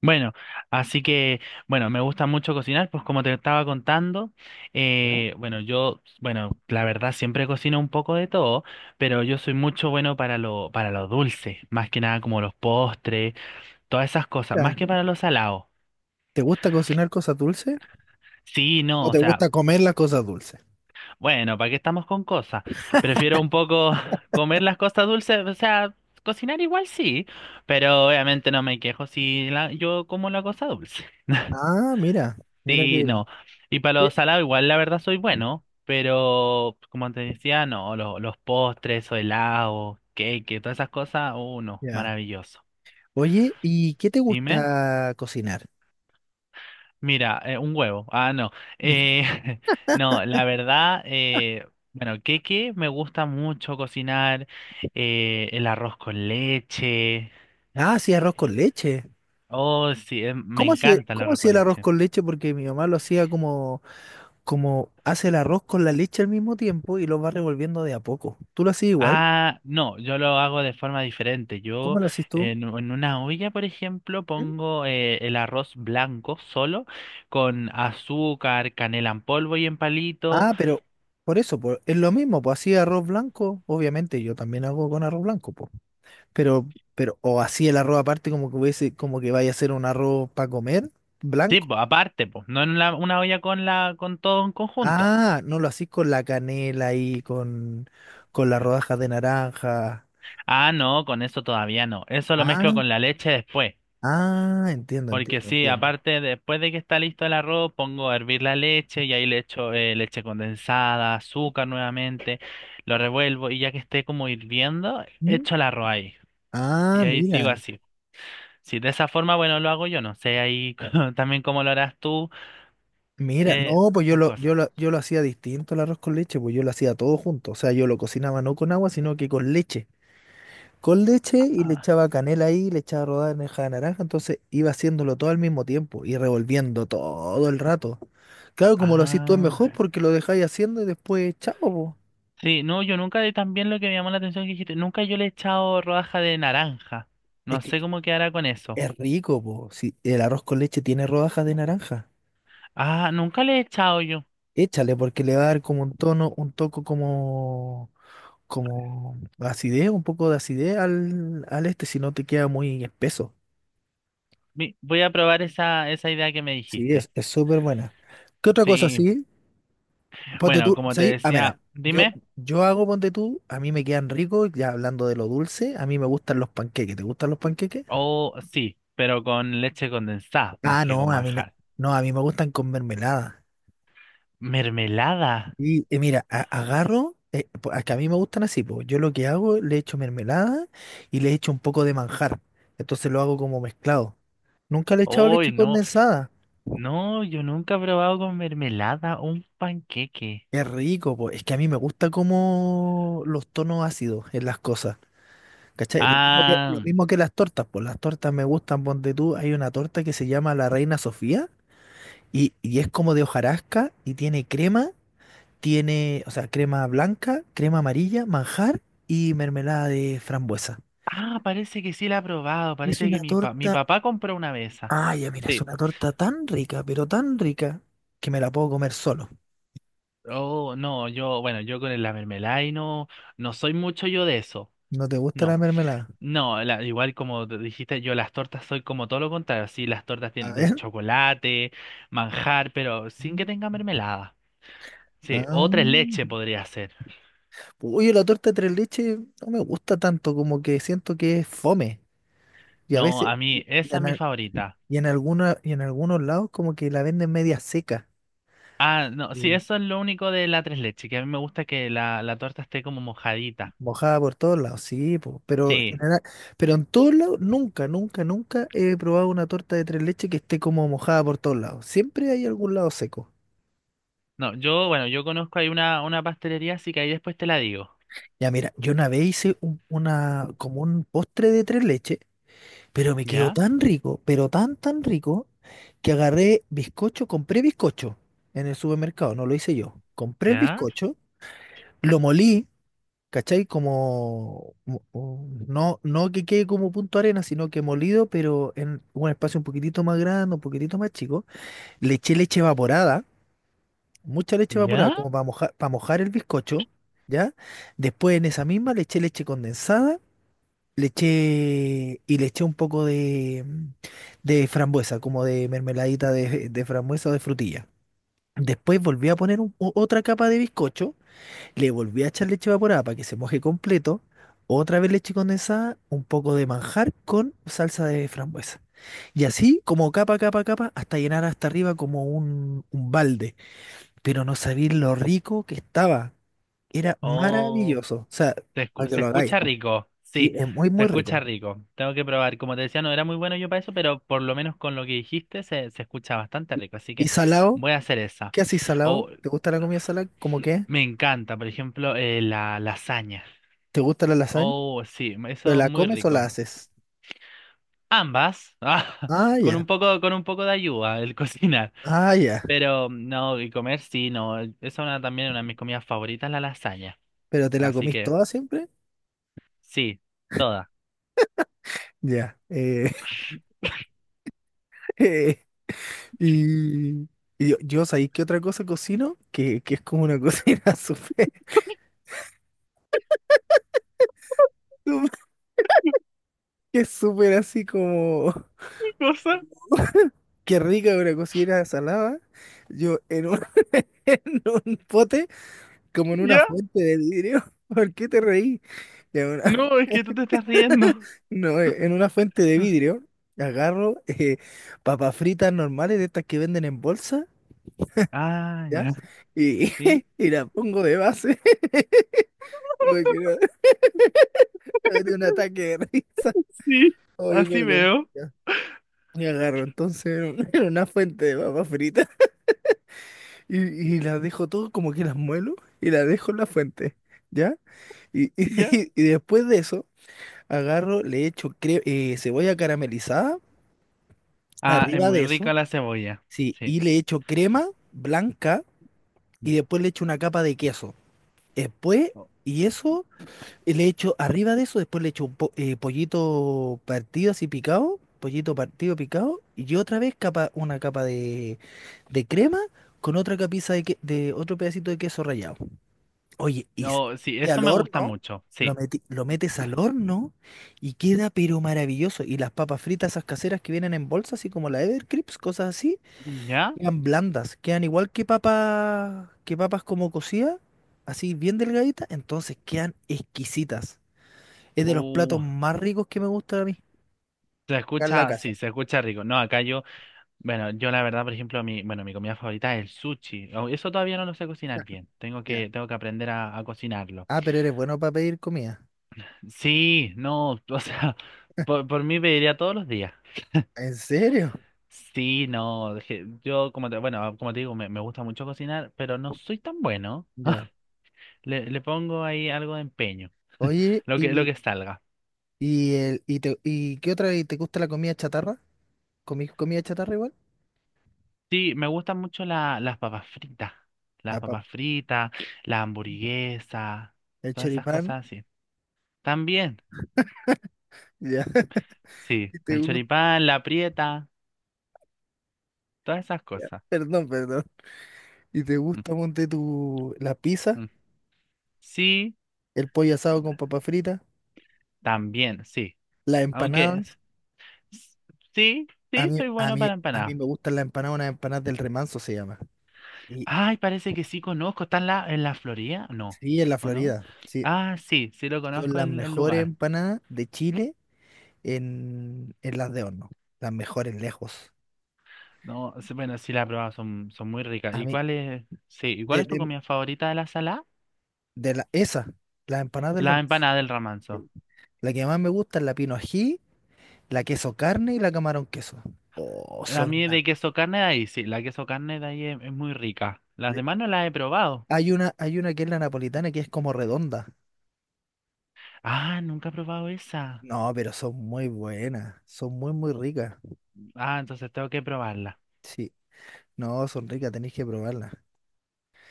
Bueno, así que, bueno, me gusta mucho cocinar, pues como te estaba contando, Ya. Bueno, yo, bueno, la verdad siempre cocino un poco de todo, pero yo soy mucho bueno para para lo dulce, más que nada como los postres, todas esas cosas, más que para lo salado. ¿Te gusta cocinar cosas dulces Sí, o no, o te sea, gusta comer las cosas dulces? bueno, ¿para qué estamos con cosas? Prefiero un poco comer las cosas dulces, o sea, cocinar igual sí, pero obviamente no me quejo si la, yo como la cosa dulce. Ah, mira, mira qué Sí, bien. no. Y para Qué- los salados igual la verdad soy bueno, pero como te decía, no, los postres o helados, cake, todas esas cosas, uno, Ya. maravilloso. Oye, ¿y qué te Dime, gusta cocinar? mira, un huevo. Ah, no. Eh, no, la verdad, bueno, cake me gusta mucho cocinar, el arroz con leche. Ah, sí, arroz con leche. Oh, sí, me ¿Cómo hacía, encanta el cómo arroz hacía con el arroz leche. con leche? Porque mi mamá lo hacía como hace el arroz con la leche al mismo tiempo y lo va revolviendo de a poco. ¿Tú lo hacías igual? Ah, no, yo lo hago de forma diferente. ¿Cómo Yo lo hacías tú? en una olla, por ejemplo, ¿Mm? pongo el arroz blanco solo con azúcar, canela en polvo y en palito. Ah, pero por eso, es lo mismo, pues hacía arroz blanco, obviamente yo también hago con arroz blanco, pues. Pero, o así el arroz aparte como que hubiese, como que vaya a ser un arroz para comer, Sí, blanco. pues aparte, pues, no en la- una olla con la con todo en conjunto. Ah, no lo hacís con la canela y con las rodajas de naranja. Ah, no, con eso todavía no. Eso lo mezclo Ah, con la leche después. ah, entiendo, Porque entiendo, sí, entiendo. aparte, después de que está listo el arroz, pongo a hervir la leche y ahí le echo leche condensada, azúcar nuevamente, lo revuelvo y ya que esté como hirviendo, ¿Mm? echo el arroz ahí. Ah, Y ahí mira. sigo así. Si de esa forma, bueno, lo hago yo, no sé ahí también cómo lo harás tú, Mira, eh, no, pues yo esas lo, yo cosas. lo, yo lo hacía distinto el arroz con leche, pues yo lo hacía todo junto. O sea, yo lo cocinaba no con agua, sino que con leche. Con leche y le Ah, echaba canela ahí, le echaba rodada de meja de naranja, entonces iba haciéndolo todo al mismo tiempo y revolviendo todo el rato. Claro, como lo hacís tú es mejor ah. porque lo dejáis haciendo y después, chao, po. Sí, no, yo nunca, y también lo que me llamó la atención que dijiste, nunca yo le he echado rodaja de naranja. Es No sé que cómo quedará con eso. es rico, po. Si el arroz con leche tiene rodajas de naranja, Ah, nunca le he echado yo. échale porque le va a dar como un tono, un toco como, como acidez, un poco de acidez al este, si no te queda muy espeso. Vi- Voy a probar esa, esa idea que me Sí, dijiste. es súper buena. ¿Qué otra cosa Sí, sí? Ponte bueno, tú, como te ¿sabes? Ah, mira, decía, yo, dime. yo hago ponte tú, a mí me quedan ricos, ya hablando de lo dulce, a mí me gustan los panqueques. ¿Te gustan los panqueques? Oh, sí, pero con leche condensada, más Ah, que no, con a mí no. manjar. No, a mí me gustan con mermelada. ¿Mermelada? Y mira, agarro, a que a mí me gustan así, pues yo lo que hago, le echo mermelada y le echo un poco de manjar. Entonces lo hago como mezclado. Nunca le he echado Uy, leche no, condensada. no, yo nunca he probado con mermelada un panqueque. Es rico, pues es que a mí me gusta como los tonos ácidos en las cosas. ¿Cachai? Lo mismo que, lo Ah, mismo que las tortas, pues las tortas me gustan, ponte tú, hay una torta que se llama la Reina Sofía y es como de hojarasca y tiene crema, tiene, o sea, crema blanca, crema amarilla, manjar y mermelada de frambuesa. ah, parece que sí la he probado, Y es parece que una mi, pa- mi torta, papá compró una vez esas. ay, ya mira, es Sí. una torta tan rica, pero tan rica, que me la puedo comer solo. Oh, no, yo, bueno, yo con la mermelada y no, no soy mucho yo de eso. ¿No te gusta la No. mermelada? No, la- igual como te dijiste, yo las tortas soy como todo lo contrario. Sí, las tortas A tienen de ver. chocolate, manjar, pero sin que Mm. tenga mermelada. Sí, Ah, o tres mm. leches podría ser. Oye, la torta de tres leches no me gusta tanto, como que siento que es fome. Y a No, veces, a mí esa es mi favorita. Y en algunos lados como que la venden media seca, Ah, no, sí, y eso es lo único de la tres leches, que a mí me gusta que la torta esté como mojadita. mojada por todos lados, sí, po, pero, Sí, pero en todos lados nunca, nunca, nunca he probado una torta de tres leches que esté como mojada por todos lados. Siempre hay algún lado seco. no, yo, bueno, yo conozco ahí una pastelería, así que ahí después te la digo. Ya mira, yo una vez hice una, como un postre de tres leches, pero me quedó ¿Ya? tan rico, pero tan, tan rico, que agarré bizcocho, compré bizcocho en el supermercado, no lo hice yo. Compré el ¿Ya? bizcocho, lo molí. ¿Cachai? Como, no, no que quede como punto arena, sino que molido, pero en un espacio un poquitito más grande, un poquitito más chico. Le eché leche evaporada, mucha leche evaporada, ¿Ya? como para mojar el bizcocho, ¿ya? Después en esa misma le eché leche condensada, y le eché un poco de frambuesa, como de mermeladita de frambuesa o de frutilla. Después volví a poner otra capa de bizcocho, le volví a echar leche evaporada para que se moje completo. Otra vez leche condensada, un poco de manjar con salsa de frambuesa. Y así, como capa, capa, capa, hasta llenar hasta arriba como un balde. Pero no sabía lo rico que estaba. Era Oh. maravilloso. O sea, Se, escu- para que se lo hagáis. escucha rico, Sí, sí, es muy, se muy escucha rico. rico. Tengo que probar. Como te decía, no era muy bueno yo para eso, pero por lo menos con lo que dijiste se, se escucha bastante rico. Así ¿Y que salado? voy a hacer esa. ¿Qué haces salado? O ¿Te gusta la comida salada? ¿Cómo qué? me encanta, por ejemplo, la lasaña. ¿Te gusta la lasaña? Oh, sí, ¿Pero eso la muy comes o la rico. haces? Ambas, ah, Ah, ya. Con un poco de ayuda el cocinar. Ah, ya. Pero no, y comer sí, no. Esa es una, también una de mis comidas favoritas, la lasaña. ¿Pero te la Así comís que toda siempre? sí, toda. Ya. Y, y yo, ¿sabéis qué otra cosa cocino? Que es como una cocina súper, súper- que es súper así como, ¿Qué cosa? qué rica una cocina salada. Yo en un, en un pote, como en una Ya. fuente de vidrio. ¿Por qué te reí? En una, No, es que tú te estás riendo. no, en una fuente de vidrio agarro papas fritas normales de estas que venden en bolsa, Ah, ¿ya? ya, Y, sí. y las pongo de base. Porque no, me dio un ataque de risa. Sí, Oye, es así verdad. veo, Ya. Y agarro entonces era era una fuente de papas fritas y, y las dejo todo como que las muelo y las dejo en la fuente, ¿ya? Ya. Y después de eso, agarro, le echo cebolla caramelizada Ah, es arriba muy de eso, rica la cebolla, sí, sí. y le echo crema blanca y después le echo una capa de queso. Después, Oh, y eso y le echo arriba de eso, después le echo pollito partido así picado, pollito partido picado, y otra vez capa, una capa de crema con otra capiza de otro pedacito de queso rallado. Oye, y, s- oh, sí, y eso al me gusta horno, mucho, sí. Lo metes al horno y queda pero maravilloso. Y las papas fritas, esas caseras que vienen en bolsas, así como la Evercrisp, cosas así, ¿Ya? quedan blandas, quedan igual que papas, como cocidas, así bien delgaditas, entonces quedan exquisitas. Es de los platos Uh, más ricos que me gustan a mí. se Acá en la escucha, casa. sí, se escucha rico. No, acá yo, bueno, yo la verdad, por ejemplo, mi, bueno, mi comida favorita es el sushi. Oh, eso todavía no lo sé cocinar bien. Ya. Tengo que aprender a cocinarlo. Ah, pero eres bueno para pedir comida. Sí, no, o sea, por mí pediría todos los días. ¿En serio? Sí, no, je- yo como te, bueno, como te digo, me gusta mucho cocinar, pero no soy tan bueno. Ya. Le pongo ahí algo de empeño, Oye, lo ¿y, que salga. y, el, y, te- y qué otra? Y ¿te gusta la comida chatarra? ¿Comí comida chatarra igual? Sí, me gustan mucho la- las La pap- papas fritas, la hamburguesa, El todas esas choripán. cosas así. También, Ya. sí, ¿Y te el gusta? choripán, la prieta, todas esas Ya. cosas. Perdón, perdón. ¿Y te Mm, gusta, ponte tu, la pizza, mm. Sí, el pollo asado con papa frita, también, sí. las Aunque, s- empanadas? sí, A sí, mí, soy a bueno mí, para a mí empanadas. me gustan las empanadas, unas empanadas del Remanso se llama. Y Ay, parece que sí conozco. ¿Está en la Florida? No. sí, en la ¿O no? Florida. Sí, Ah, sí, sí lo son conozco las el mejores lugar. empanadas de Chile en las de horno. Las mejores lejos. No, sí, bueno, sí la he probado, son, son muy ricas. A ¿Y mí, cuál es, sí, ¿y cuál de, es tu de, comida favorita de la sala? de la, esa, las empanadas del La Ramos. empanada del ramanzo. Sí. La que más me gusta es la pino ají, la queso carne y la camarón queso. Oh, A son mí una. de queso carne de ahí, sí, la queso carne de ahí es muy rica. Las le- demás no las he probado. hay una que es la napolitana que es como redonda. Ah, nunca he probado esa. No, pero son muy buenas. Son muy, muy ricas. Ah, entonces tengo que probarla. Sí. No, son ricas, tenéis que probarlas.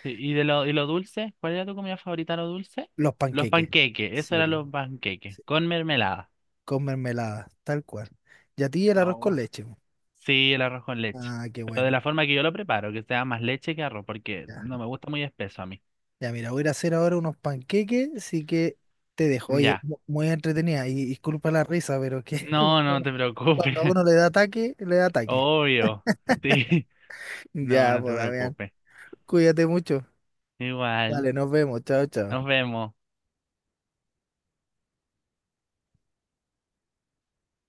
Sí, ¿y de lo, y lo dulce? ¿Cuál era tu comida favorita, lo dulce? Los Los panqueques. panqueques, eso Sí, eran los panqueques, sí. con mermelada. Con mermelada, tal cual. Y a ti el arroz con Oh. leche. Sí, el arroz con leche. Ah, qué Pero de bueno. la forma que yo lo preparo, que sea más leche que arroz, porque Ya, no me gusta muy espeso a mí. ya mira, voy a ir a hacer ahora unos panqueques, así que te dejo. Oye, Ya. Muy entretenida y disculpa la risa, pero que No, no te preocupes. cuando a uno le da ataque, le da ataque. Obvio. Sí. No, Ya, no te pues, Damián, preocupes. cuídate mucho. Igual. Dale, nos vemos. Chao, Nos chao. vemos.